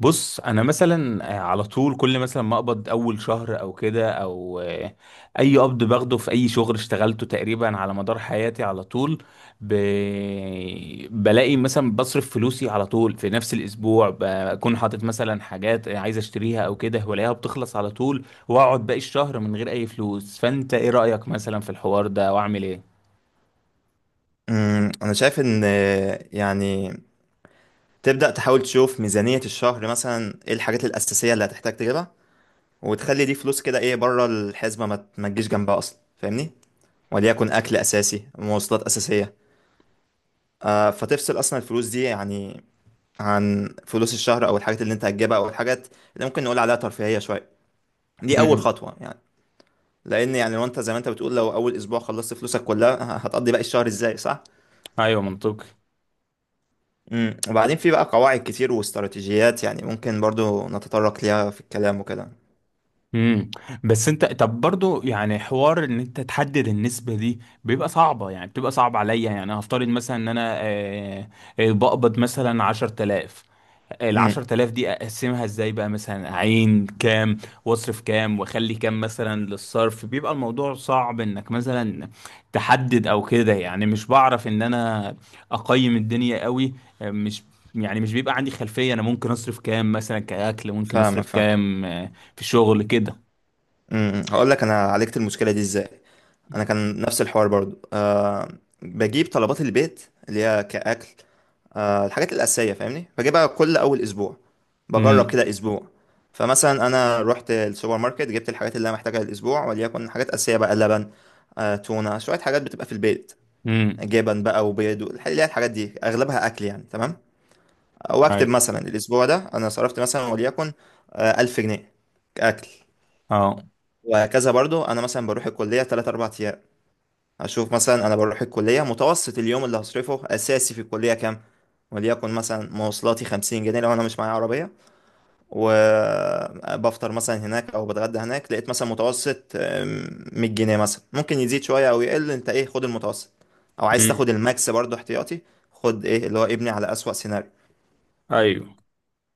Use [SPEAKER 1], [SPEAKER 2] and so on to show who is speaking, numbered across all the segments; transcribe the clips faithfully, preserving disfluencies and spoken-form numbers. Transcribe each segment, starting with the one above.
[SPEAKER 1] بص، انا مثلا آه، على طول كل مثلا ما اقبض اول شهر او كده او آه، اي قبض باخده في اي شغل اشتغلته تقريبا على مدار حياتي على طول. ب... بلاقي مثلا بصرف فلوسي على طول في نفس الاسبوع، بكون حاطط مثلا حاجات عايز اشتريها او كده، والاقيها بتخلص على طول، واقعد باقي الشهر من غير اي فلوس. فانت ايه رأيك مثلا في الحوار ده، واعمل ايه؟
[SPEAKER 2] أمم، انا شايف ان آه، يعني تبدأ تحاول تشوف ميزانية الشهر مثلا ايه الحاجات الأساسية اللي هتحتاج تجيبها، وتخلي دي فلوس كده ايه بره الحسبة ما ت- ما تجيش جنبها اصلا، فاهمني؟ وليكن اكل اساسي، مواصلات أساسية. آه، فتفصل اصلا الفلوس دي يعني عن فلوس الشهر او الحاجات اللي انت هتجيبها او الحاجات اللي ممكن نقول عليها ترفيهية شوية. دي اول
[SPEAKER 1] امم.
[SPEAKER 2] خطوة يعني. لان يعني لو انت زي ما انت بتقول، لو اول اسبوع خلصت فلوسك كلها هتقضي باقي الشهر ازاي؟ صح.
[SPEAKER 1] ايوه، منطقي.
[SPEAKER 2] امم، وبعدين في بقى قواعد كتير واستراتيجيات يعني ممكن برضو نتطرق ليها في الكلام وكده.
[SPEAKER 1] امم. بس انت، طب برضو يعني حوار ان انت تحدد النسبة دي بيبقى صعبة، يعني بتبقى صعب عليا. يعني هفترض مثلا ان انا آه، آه، بقبض مثلا عشرة آلاف. ال
[SPEAKER 2] امم.
[SPEAKER 1] عشرة آلاف دي اقسمها ازاي بقى؟ مثلا اعين كام واصرف كام واخلي كام مثلا للصرف؟ بيبقى الموضوع صعب انك مثلا تحدد او كده، يعني مش بعرف ان انا اقيم الدنيا قوي. آه، مش، يعني مش بيبقى عندي خلفية انا ممكن اصرف كام مثلا كأكل، ممكن اصرف
[SPEAKER 2] فاهمك، فاهم.
[SPEAKER 1] كام آه، في الشغل كده.
[SPEAKER 2] امم، هقول لك انا عالجت المشكله دي ازاي. انا كان نفس الحوار برضو، أه. بجيب طلبات البيت اللي هي كاكل، أه الحاجات الاساسيه، فاهمني؟ بجيبها كل اول اسبوع. بجرب
[SPEAKER 1] امم.
[SPEAKER 2] كده اسبوع. فمثلا انا رحت السوبر ماركت، جبت الحاجات اللي انا محتاجها الاسبوع، وليكن حاجات اساسيه بقى: لبن، أه تونه، شويه حاجات بتبقى في البيت،
[SPEAKER 1] امم.
[SPEAKER 2] جبن بقى، وبيض، والح- اللي هي الحاجات دي اغلبها اكل يعني، تمام.
[SPEAKER 1] ايوه.
[SPEAKER 2] واكتب مثلا الاسبوع ده انا صرفت مثلا وليكن آه، ألف جنيه اكل.
[SPEAKER 1] اه.
[SPEAKER 2] وهكذا. برضو انا مثلا بروح الكليه ثلاثة أربعة ايام، اشوف مثلا انا بروح الكليه متوسط اليوم اللي هصرفه اساسي في الكليه كام. وليكن مثلا مواصلاتي خمسين جنيه لو انا مش معايا عربيه، وبفطر مثلا هناك او بتغدى هناك، لقيت مثلا متوسط آم، مية جنيه مثلا، ممكن يزيد شويه او يقل. انت ايه، خد المتوسط او عايز تاخد
[SPEAKER 1] امم.
[SPEAKER 2] الماكس برضو احتياطي، خد ايه اللي هو ابني على اسوأ سيناريو.
[SPEAKER 1] ايوه.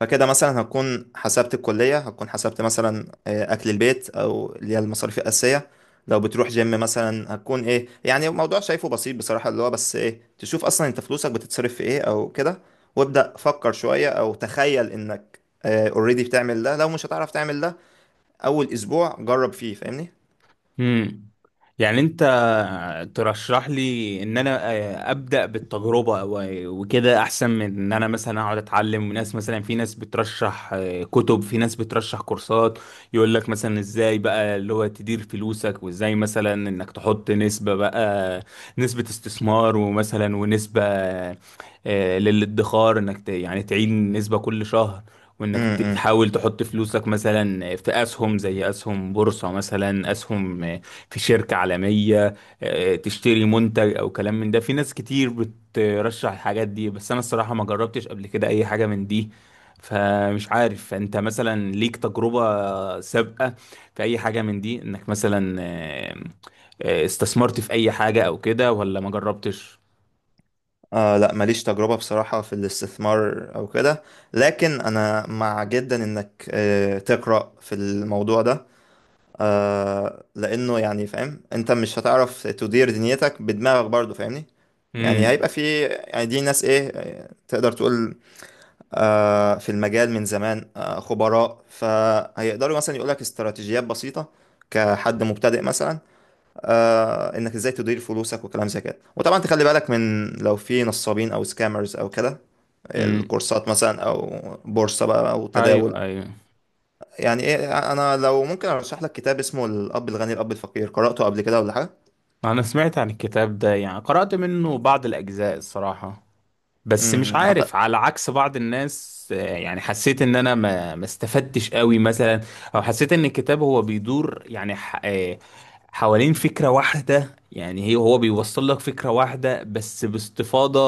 [SPEAKER 2] فكده مثلا هكون حسبت الكلية، هكون حسبت مثلا آه، أكل البيت، أو اللي هي المصاريف الأساسية. لو بتروح جيم مثلا هتكون إيه. يعني الموضوع شايفه بسيط بصراحة، اللي هو بس إيه، تشوف أصلا أنت فلوسك بتتصرف في إيه أو كده، وابدأ فكر شوية أو تخيل إنك اوريدي بتعمل ده. لو مش هتعرف تعمل ده، أول أسبوع جرب فيه. فاهمني؟
[SPEAKER 1] امم. يعني انت ترشح لي ان انا آه، ابدا بالتجربه و- وكده احسن من ان انا مثلا اقعد اتعلم، وناس مثلا، في ناس بترشح آه، كتب، في ناس بترشح كورسات يقول لك مثلا ازاي بقى اللي هو تدير فلوسك، وازاي مثلا انك تحط نسبه بقى، نسبه استثمار، ومثلا ونسبه آه، للادخار، انك ت- يعني تعين نسبه كل شهر، وانك ت-
[SPEAKER 2] امم.
[SPEAKER 1] تحاول تحط فلوسك مثلا في اسهم، زي اسهم بورصة، مثلا اسهم في شركة عالمية، آه، تشتري منتج او كلام من ده. في ناس كتير بترشح الحاجات دي، بس انا الصراحة ما جربتش قبل كده اي حاجة من دي، فمش عارف انت مثلا ليك تجربة سابقة في اي حاجة من دي، انك مثلا آه، آه، استثمرت في اي حاجة او كده، ولا ما جربتش؟
[SPEAKER 2] آه، لا، ماليش تجربة بصراحة في الاستثمار أو كده، لكن أنا مع جدا إنك آه تقرأ في الموضوع ده، آه، لانه يعني فاهم انت مش هتعرف تدير دنيتك بدماغك برضو، فاهمني؟ يعني
[SPEAKER 1] امم.
[SPEAKER 2] هيبقى في، يعني دي ناس ايه، تقدر تقول آه في المجال من زمان، آه خبراء، فهيقدروا مثلا يقولك استراتيجيات بسيطة كحد مبتدئ مثلا، آه انك ازاي تدير فلوسك وكلام زي كده. وطبعا تخلي بالك من لو في نصابين او سكامرز او كده،
[SPEAKER 1] امم.
[SPEAKER 2] الكورسات مثلا او بورصة بقى او تداول.
[SPEAKER 1] ايوه. ايوه.
[SPEAKER 2] يعني ايه، انا لو ممكن ارشح لك كتاب اسمه الاب الغني الاب الفقير، قرأته قبل كده ولا حاجه؟
[SPEAKER 1] انا سمعت عن الكتاب ده، يعني قرأت منه بعض الاجزاء الصراحة، بس
[SPEAKER 2] امم
[SPEAKER 1] مش
[SPEAKER 2] أعتقد-
[SPEAKER 1] عارف، على عكس بعض الناس، آه، يعني حسيت ان انا ما ما استفدتش قوي مثلا، او حسيت ان الكتاب هو بيدور يعني ح- آه، حوالين فكرة واحدة، يعني هي هو بيوصل لك فكرة واحدة بس باستفاضة.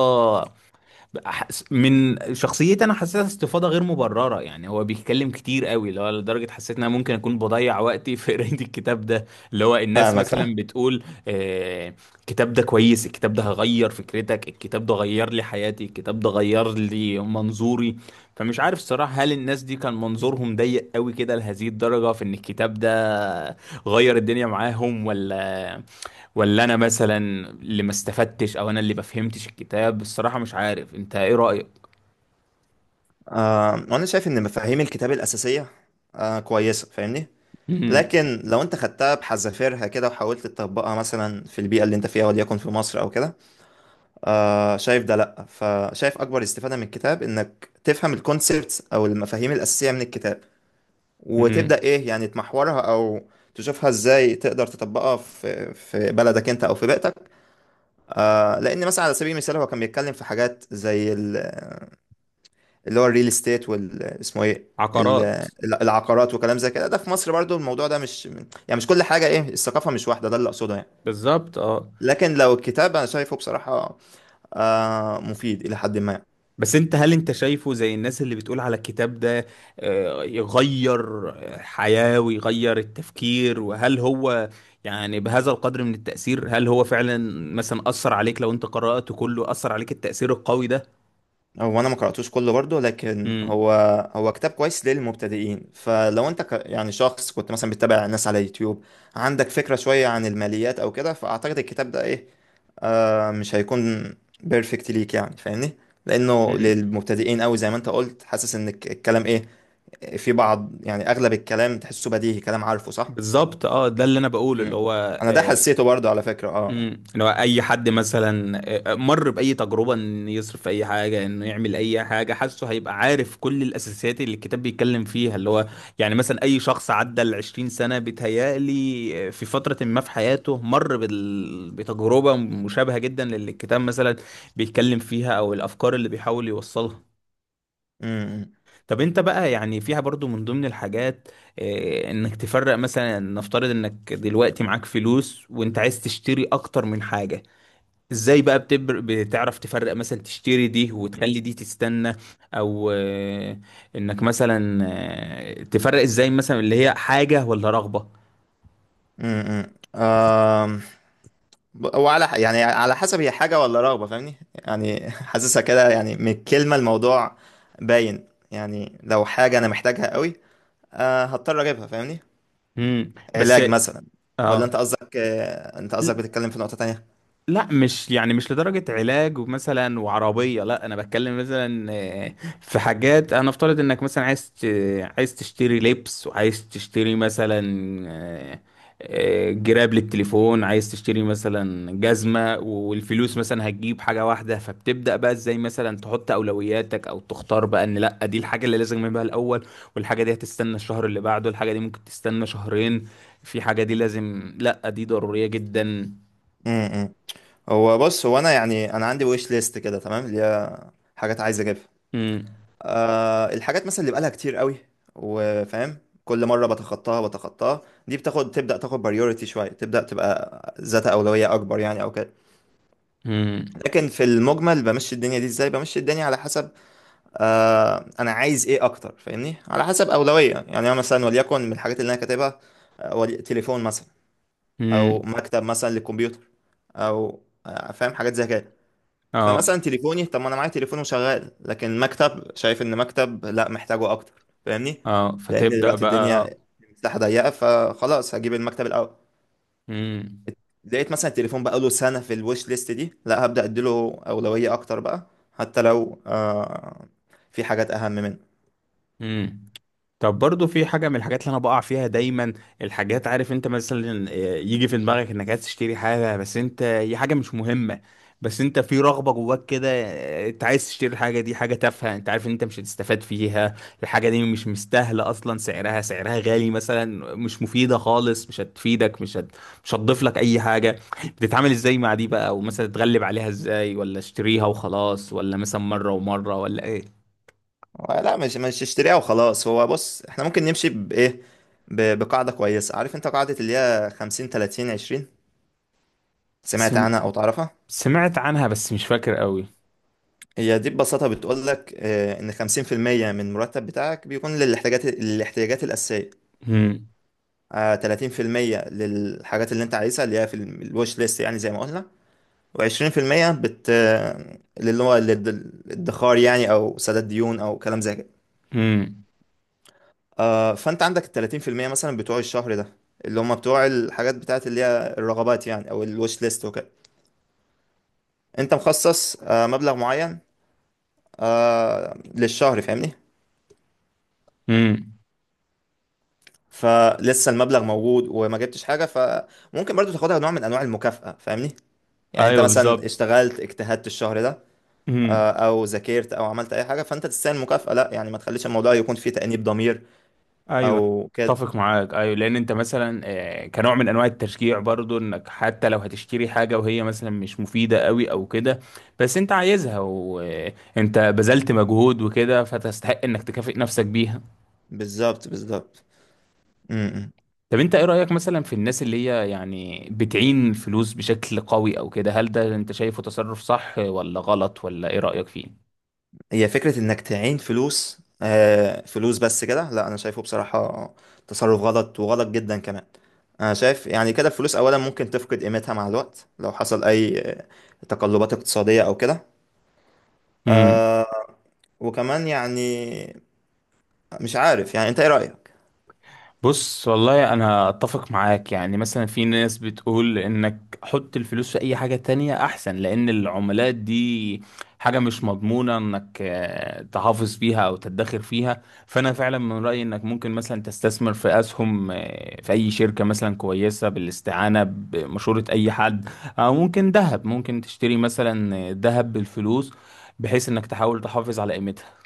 [SPEAKER 1] أحس- من شخصيتي انا حسيتها استفاضه غير مبرره، يعني هو بيتكلم كتير قوي، اللي هو لدرجه حسيت ان انا ممكن اكون بضيع وقتي في قرايه الكتاب ده، اللي هو الناس
[SPEAKER 2] فاهمك،
[SPEAKER 1] مثلا
[SPEAKER 2] فاهم.
[SPEAKER 1] بتقول آه الكتاب ده كويس، الكتاب ده هغير فكرتك، الكتاب ده غير لي حياتي، الكتاب ده غير لي منظوري. فمش عارف الصراحه، هل الناس دي كان منظورهم ضيق قوي كده لهذه الدرجه في ان الكتاب ده غير الدنيا معاهم، ولا ولا انا مثلا اللي ما استفدتش، او انا اللي ما فهمتش الكتاب؟ الصراحة مش عارف، انت ايه رأيك؟
[SPEAKER 2] آه، وانا شايف ان مفاهيم الكتاب الاساسيه آه كويسه، فاهمني؟
[SPEAKER 1] مم.
[SPEAKER 2] لكن لو انت خدتها بحذافيرها كده وحاولت تطبقها مثلا في البيئه اللي انت فيها وليكن في مصر او كده، آه شايف ده لا. فشايف اكبر استفاده من الكتاب انك تفهم الكونسبتس او المفاهيم الاساسيه من الكتاب،
[SPEAKER 1] مم.
[SPEAKER 2] وتبدا ايه يعني تمحورها او تشوفها ازاي تقدر تطبقها في في بلدك انت او في بيئتك. آه، لان مثلا على سبيل المثال هو كان بيتكلم في حاجات زي ال- اللي هو الريل استيت، وال اسمه ايه، ال-
[SPEAKER 1] عقارات.
[SPEAKER 2] ال- العقارات وكلام زي كده. ده في مصر برضو الموضوع ده مش، يعني مش كل حاجه ايه، الثقافه مش واحده، ده اللي اقصده يعني.
[SPEAKER 1] بالظبط، اه.
[SPEAKER 2] لكن لو الكتاب انا شايفه بصراحه آه مفيد الى حد ما.
[SPEAKER 1] بس انت، هل انت شايفه زي الناس اللي بتقول على الكتاب ده آه، يغير الحياة ويغير التفكير؟ وهل هو يعني بهذا القدر من التأثير؟ هل هو فعلا مثلا أثر عليك؟ لو انت قرأته كله، أثر عليك التأثير القوي ده؟
[SPEAKER 2] هو انا ما قراتوش كله برضو، لكن
[SPEAKER 1] مم.
[SPEAKER 2] هو هو كتاب كويس للمبتدئين. فلو انت ك يعني شخص كنت مثلا بتتابع ناس على يوتيوب، عندك فكره شويه عن الماليات او كده، فاعتقد الكتاب ده ايه آه مش هيكون بيرفكت ليك يعني، فاهمني؟ لانه
[SPEAKER 1] مم.
[SPEAKER 2] للمبتدئين قوي. زي ما انت قلت، حاسس ان الك- الكلام ايه في بعض، يعني اغلب الكلام تحسه بديهي، كلام عارفه، صح.
[SPEAKER 1] بالظبط، اه، ده اللي انا بقوله، اللي
[SPEAKER 2] مم.
[SPEAKER 1] هو
[SPEAKER 2] انا ده
[SPEAKER 1] آه،
[SPEAKER 2] حسيته برضه على فكرة، اه.
[SPEAKER 1] امم. لو اي حد مثلا مر باي تجربه ان يصرف في اي حاجه، انه يعمل اي حاجه، حاسه هيبقى عارف كل الاساسيات اللي الكتاب بيتكلم فيها، اللي هو يعني مثلا اي شخص عدى ال عشرين سنه بيتهيألي في فتره ما في حياته مر بال... بتجربه مشابهه جدا للي الكتاب مثلا بيتكلم فيها، او الافكار اللي بيحاول يوصلها.
[SPEAKER 2] امم.
[SPEAKER 1] طب انت بقى، يعني فيها برضو من ضمن الحاجات، إيه، انك تفرق مثلا، نفترض انك دلوقتي معاك فلوس وانت عايز تشتري اكتر من حاجة، ازاي بقى بتبر... بتعرف تفرق، مثلا تشتري دي وتخلي دي تستنى، او آه، انك مثلا آه، تفرق ازاي مثلا اللي هي حاجة ولا رغبة؟
[SPEAKER 2] امم، آم، ب- وعلى ح- يعني على حسب هي حاجة ولا رغبة، فاهمني يعني حاسسها كده، يعني من الكلمة الموضوع باين يعني. لو حاجة أنا محتاجها قوي آه هضطر أجيبها، فاهمني؟
[SPEAKER 1] امم. بس،
[SPEAKER 2] علاج مثلا. ولا
[SPEAKER 1] اه.
[SPEAKER 2] أنت قصدك آه أنت قصدك بتتكلم في نقطة تانية؟
[SPEAKER 1] لا، مش يعني مش لدرجة علاج ومثلا وعربية، لا انا بتكلم مثلا آه، في حاجات، انا افترض انك مثلا عايز ت- عايز تشتري لبس، وعايز تشتري مثلا آه، آه، جراب للتليفون، عايز تشتري مثلا جزمة، والفلوس مثلا هتجيب حاجة واحدة، فبتبدأ بقى ازاي مثلا تحط اولوياتك او تختار بقى ان لا دي الحاجة اللي لازم اجيبها الاول، والحاجة دي هتستنى الشهر اللي بعده، الحاجة دي ممكن تستنى شهرين، في حاجة دي لازم، لا دي ضرورية جدا.
[SPEAKER 2] امم. هو بص، هو انا يعني انا عندي ويش ليست كده، تمام، اللي هي حاجات عايز اجيبها.
[SPEAKER 1] مم.
[SPEAKER 2] آه الحاجات مثلا اللي بقالها كتير قوي وفاهم كل مره بتخطاها بتخطاها، دي بتاخد، تبدا تاخد بريوريتي شويه، تبدا تبقى ذات اولويه اكبر يعني او كده.
[SPEAKER 1] امم.
[SPEAKER 2] لكن في المجمل بمشي الدنيا دي ازاي، بمشي الدنيا على حسب آه انا عايز ايه اكتر، فاهمني؟ على حسب اولويه. يعني انا مثلا وليكن من الحاجات اللي انا كاتبها آه، ولي- تليفون مثلا، او
[SPEAKER 1] امم.
[SPEAKER 2] مكتب مثلا للكمبيوتر، او آه، فاهم حاجات زي كده.
[SPEAKER 1] اه.
[SPEAKER 2] فمثلا تليفوني، طب ما انا معايا تليفون وشغال، لكن مكتب شايف ان مكتب لا محتاجه اكتر، فاهمني؟
[SPEAKER 1] اه،
[SPEAKER 2] لان
[SPEAKER 1] فتبدأ
[SPEAKER 2] دلوقتي
[SPEAKER 1] بقى.
[SPEAKER 2] الدنيا مساحه ضيقه، فخلاص هجيب المكتب الاول.
[SPEAKER 1] امم.
[SPEAKER 2] لقيت مثلا التليفون بقى له سنه في الويش ليست دي، لا هبدا اديله اولويه اكتر بقى، حتى لو آه في حاجات اهم منه.
[SPEAKER 1] امم. طب برضو في حاجة من الحاجات اللي أنا بقع فيها دايما، الحاجات، عارف أنت مثلا آه، يجي في دماغك إنك عايز تشتري حاجة بس أنت هي حاجة مش مهمة، بس أنت في رغبة جواك كده، آه، أنت عايز تشتري الحاجة دي، حاجة تافهة، أنت عارف إن أنت مش هتستفاد فيها، الحاجة دي مش مستاهلة أصلا، سعرها سعرها غالي مثلا، مش مفيدة خالص، مش هتفيدك، مش هت... مش هتضيف لك أي حاجة، بتتعامل إزاي مع دي بقى؟ ومثلا تتغلب عليها إزاي؟ ولا اشتريها وخلاص، ولا مثلا مرة ومرة، ولا؟
[SPEAKER 2] لا، مش مش اشتريها وخلاص. هو بص، احنا ممكن نمشي بايه، ب- بقاعده كويسه، عارف انت قاعده اللي هي خمسين تلاتين عشرين؟ سمعت
[SPEAKER 1] إيه.
[SPEAKER 2] عنها او تعرفها؟
[SPEAKER 1] سمعت عنها بس مش فاكر قوي.
[SPEAKER 2] هي دي ببساطة بتقول لك آه، إن خمسين في المية من المرتب بتاعك بيكون للاحتياجات، الاحتياجات الأساسية،
[SPEAKER 1] امم.
[SPEAKER 2] آه، تلاتين في المية للحاجات اللي أنت عايزها اللي هي في الوش ليست، يعني زي ما قلنا، وعشرين في المية بت آه، اللي هو للد- الادخار يعني، أو سداد ديون أو كلام زي كده.
[SPEAKER 1] امم.
[SPEAKER 2] آه، فأنت عندك التلاتين في المية مثلا بتوع الشهر ده، اللي هم بتوع الحاجات بتاعت اللي هي الرغبات يعني، أو الوش ليست وكده، أنت مخصص آه، مبلغ معين آه، للشهر، فاهمني؟
[SPEAKER 1] امم.
[SPEAKER 2] فلسه المبلغ موجود وما جبتش حاجه، فممكن برضو تاخدها نوع من انواع المكافاه، فاهمني؟ يعني انت
[SPEAKER 1] ايوه، بالظبط.
[SPEAKER 2] مثلا اشتغلت، اجتهدت الشهر ده، آه،
[SPEAKER 1] امم.
[SPEAKER 2] او ذاكرت او عملت اي حاجه، فانت تستاهل مكافاه. لا يعني ما تخليش الموضوع يكون فيه تانيب ضمير
[SPEAKER 1] ايوه.
[SPEAKER 2] او كده.
[SPEAKER 1] اتفق معاك، ايوه، لان انت مثلا آه، كنوع من انواع التشجيع برضو، انك حتى لو هتشتري حاجه وهي مثلا مش مفيده قوي او كده، بس انت عايزها وانت بذلت مجهود وكده، فتستحق انك تكافئ نفسك بيها.
[SPEAKER 2] بالظبط، بالظبط. م-م.
[SPEAKER 1] طب انت ايه رايك مثلا في الناس اللي هي يعني بتعين فلوس بشكل قوي او كده؟ هل ده انت شايفه تصرف صح ولا غلط؟ ولا ايه رايك
[SPEAKER 2] هي فكره انك تعين فلوس آه، فلوس بس كده، لا انا شايفه بصراحه تصرف غلط، وغلط جدا كمان. انا شايف يعني كده الفلوس اولا ممكن تفقد قيمتها مع الوقت لو حصل اي آه، تقلبات اقتصاديه او كده.
[SPEAKER 1] فيه؟
[SPEAKER 2] آه، وكمان يعني مش عارف يعني انت ايه رأيك؟
[SPEAKER 1] بص، والله انا اتفق معاك، يعني مثلا في ناس بتقول انك حط الفلوس في اي حاجة تانية احسن، لان العملات دي حاجة مش مضمونة انك آه، تحافظ فيها او تدخر فيها. فانا فعلا من رأيي انك ممكن مثلا تستثمر في اسهم آه، في اي شركة مثلا كويسة، بالاستعانة بمشورة اي حد، او ممكن ذهب، ممكن تشتري مثلا آه، ذهب بالفلوس، بحيث انك تحاول تحافظ على قيمتها.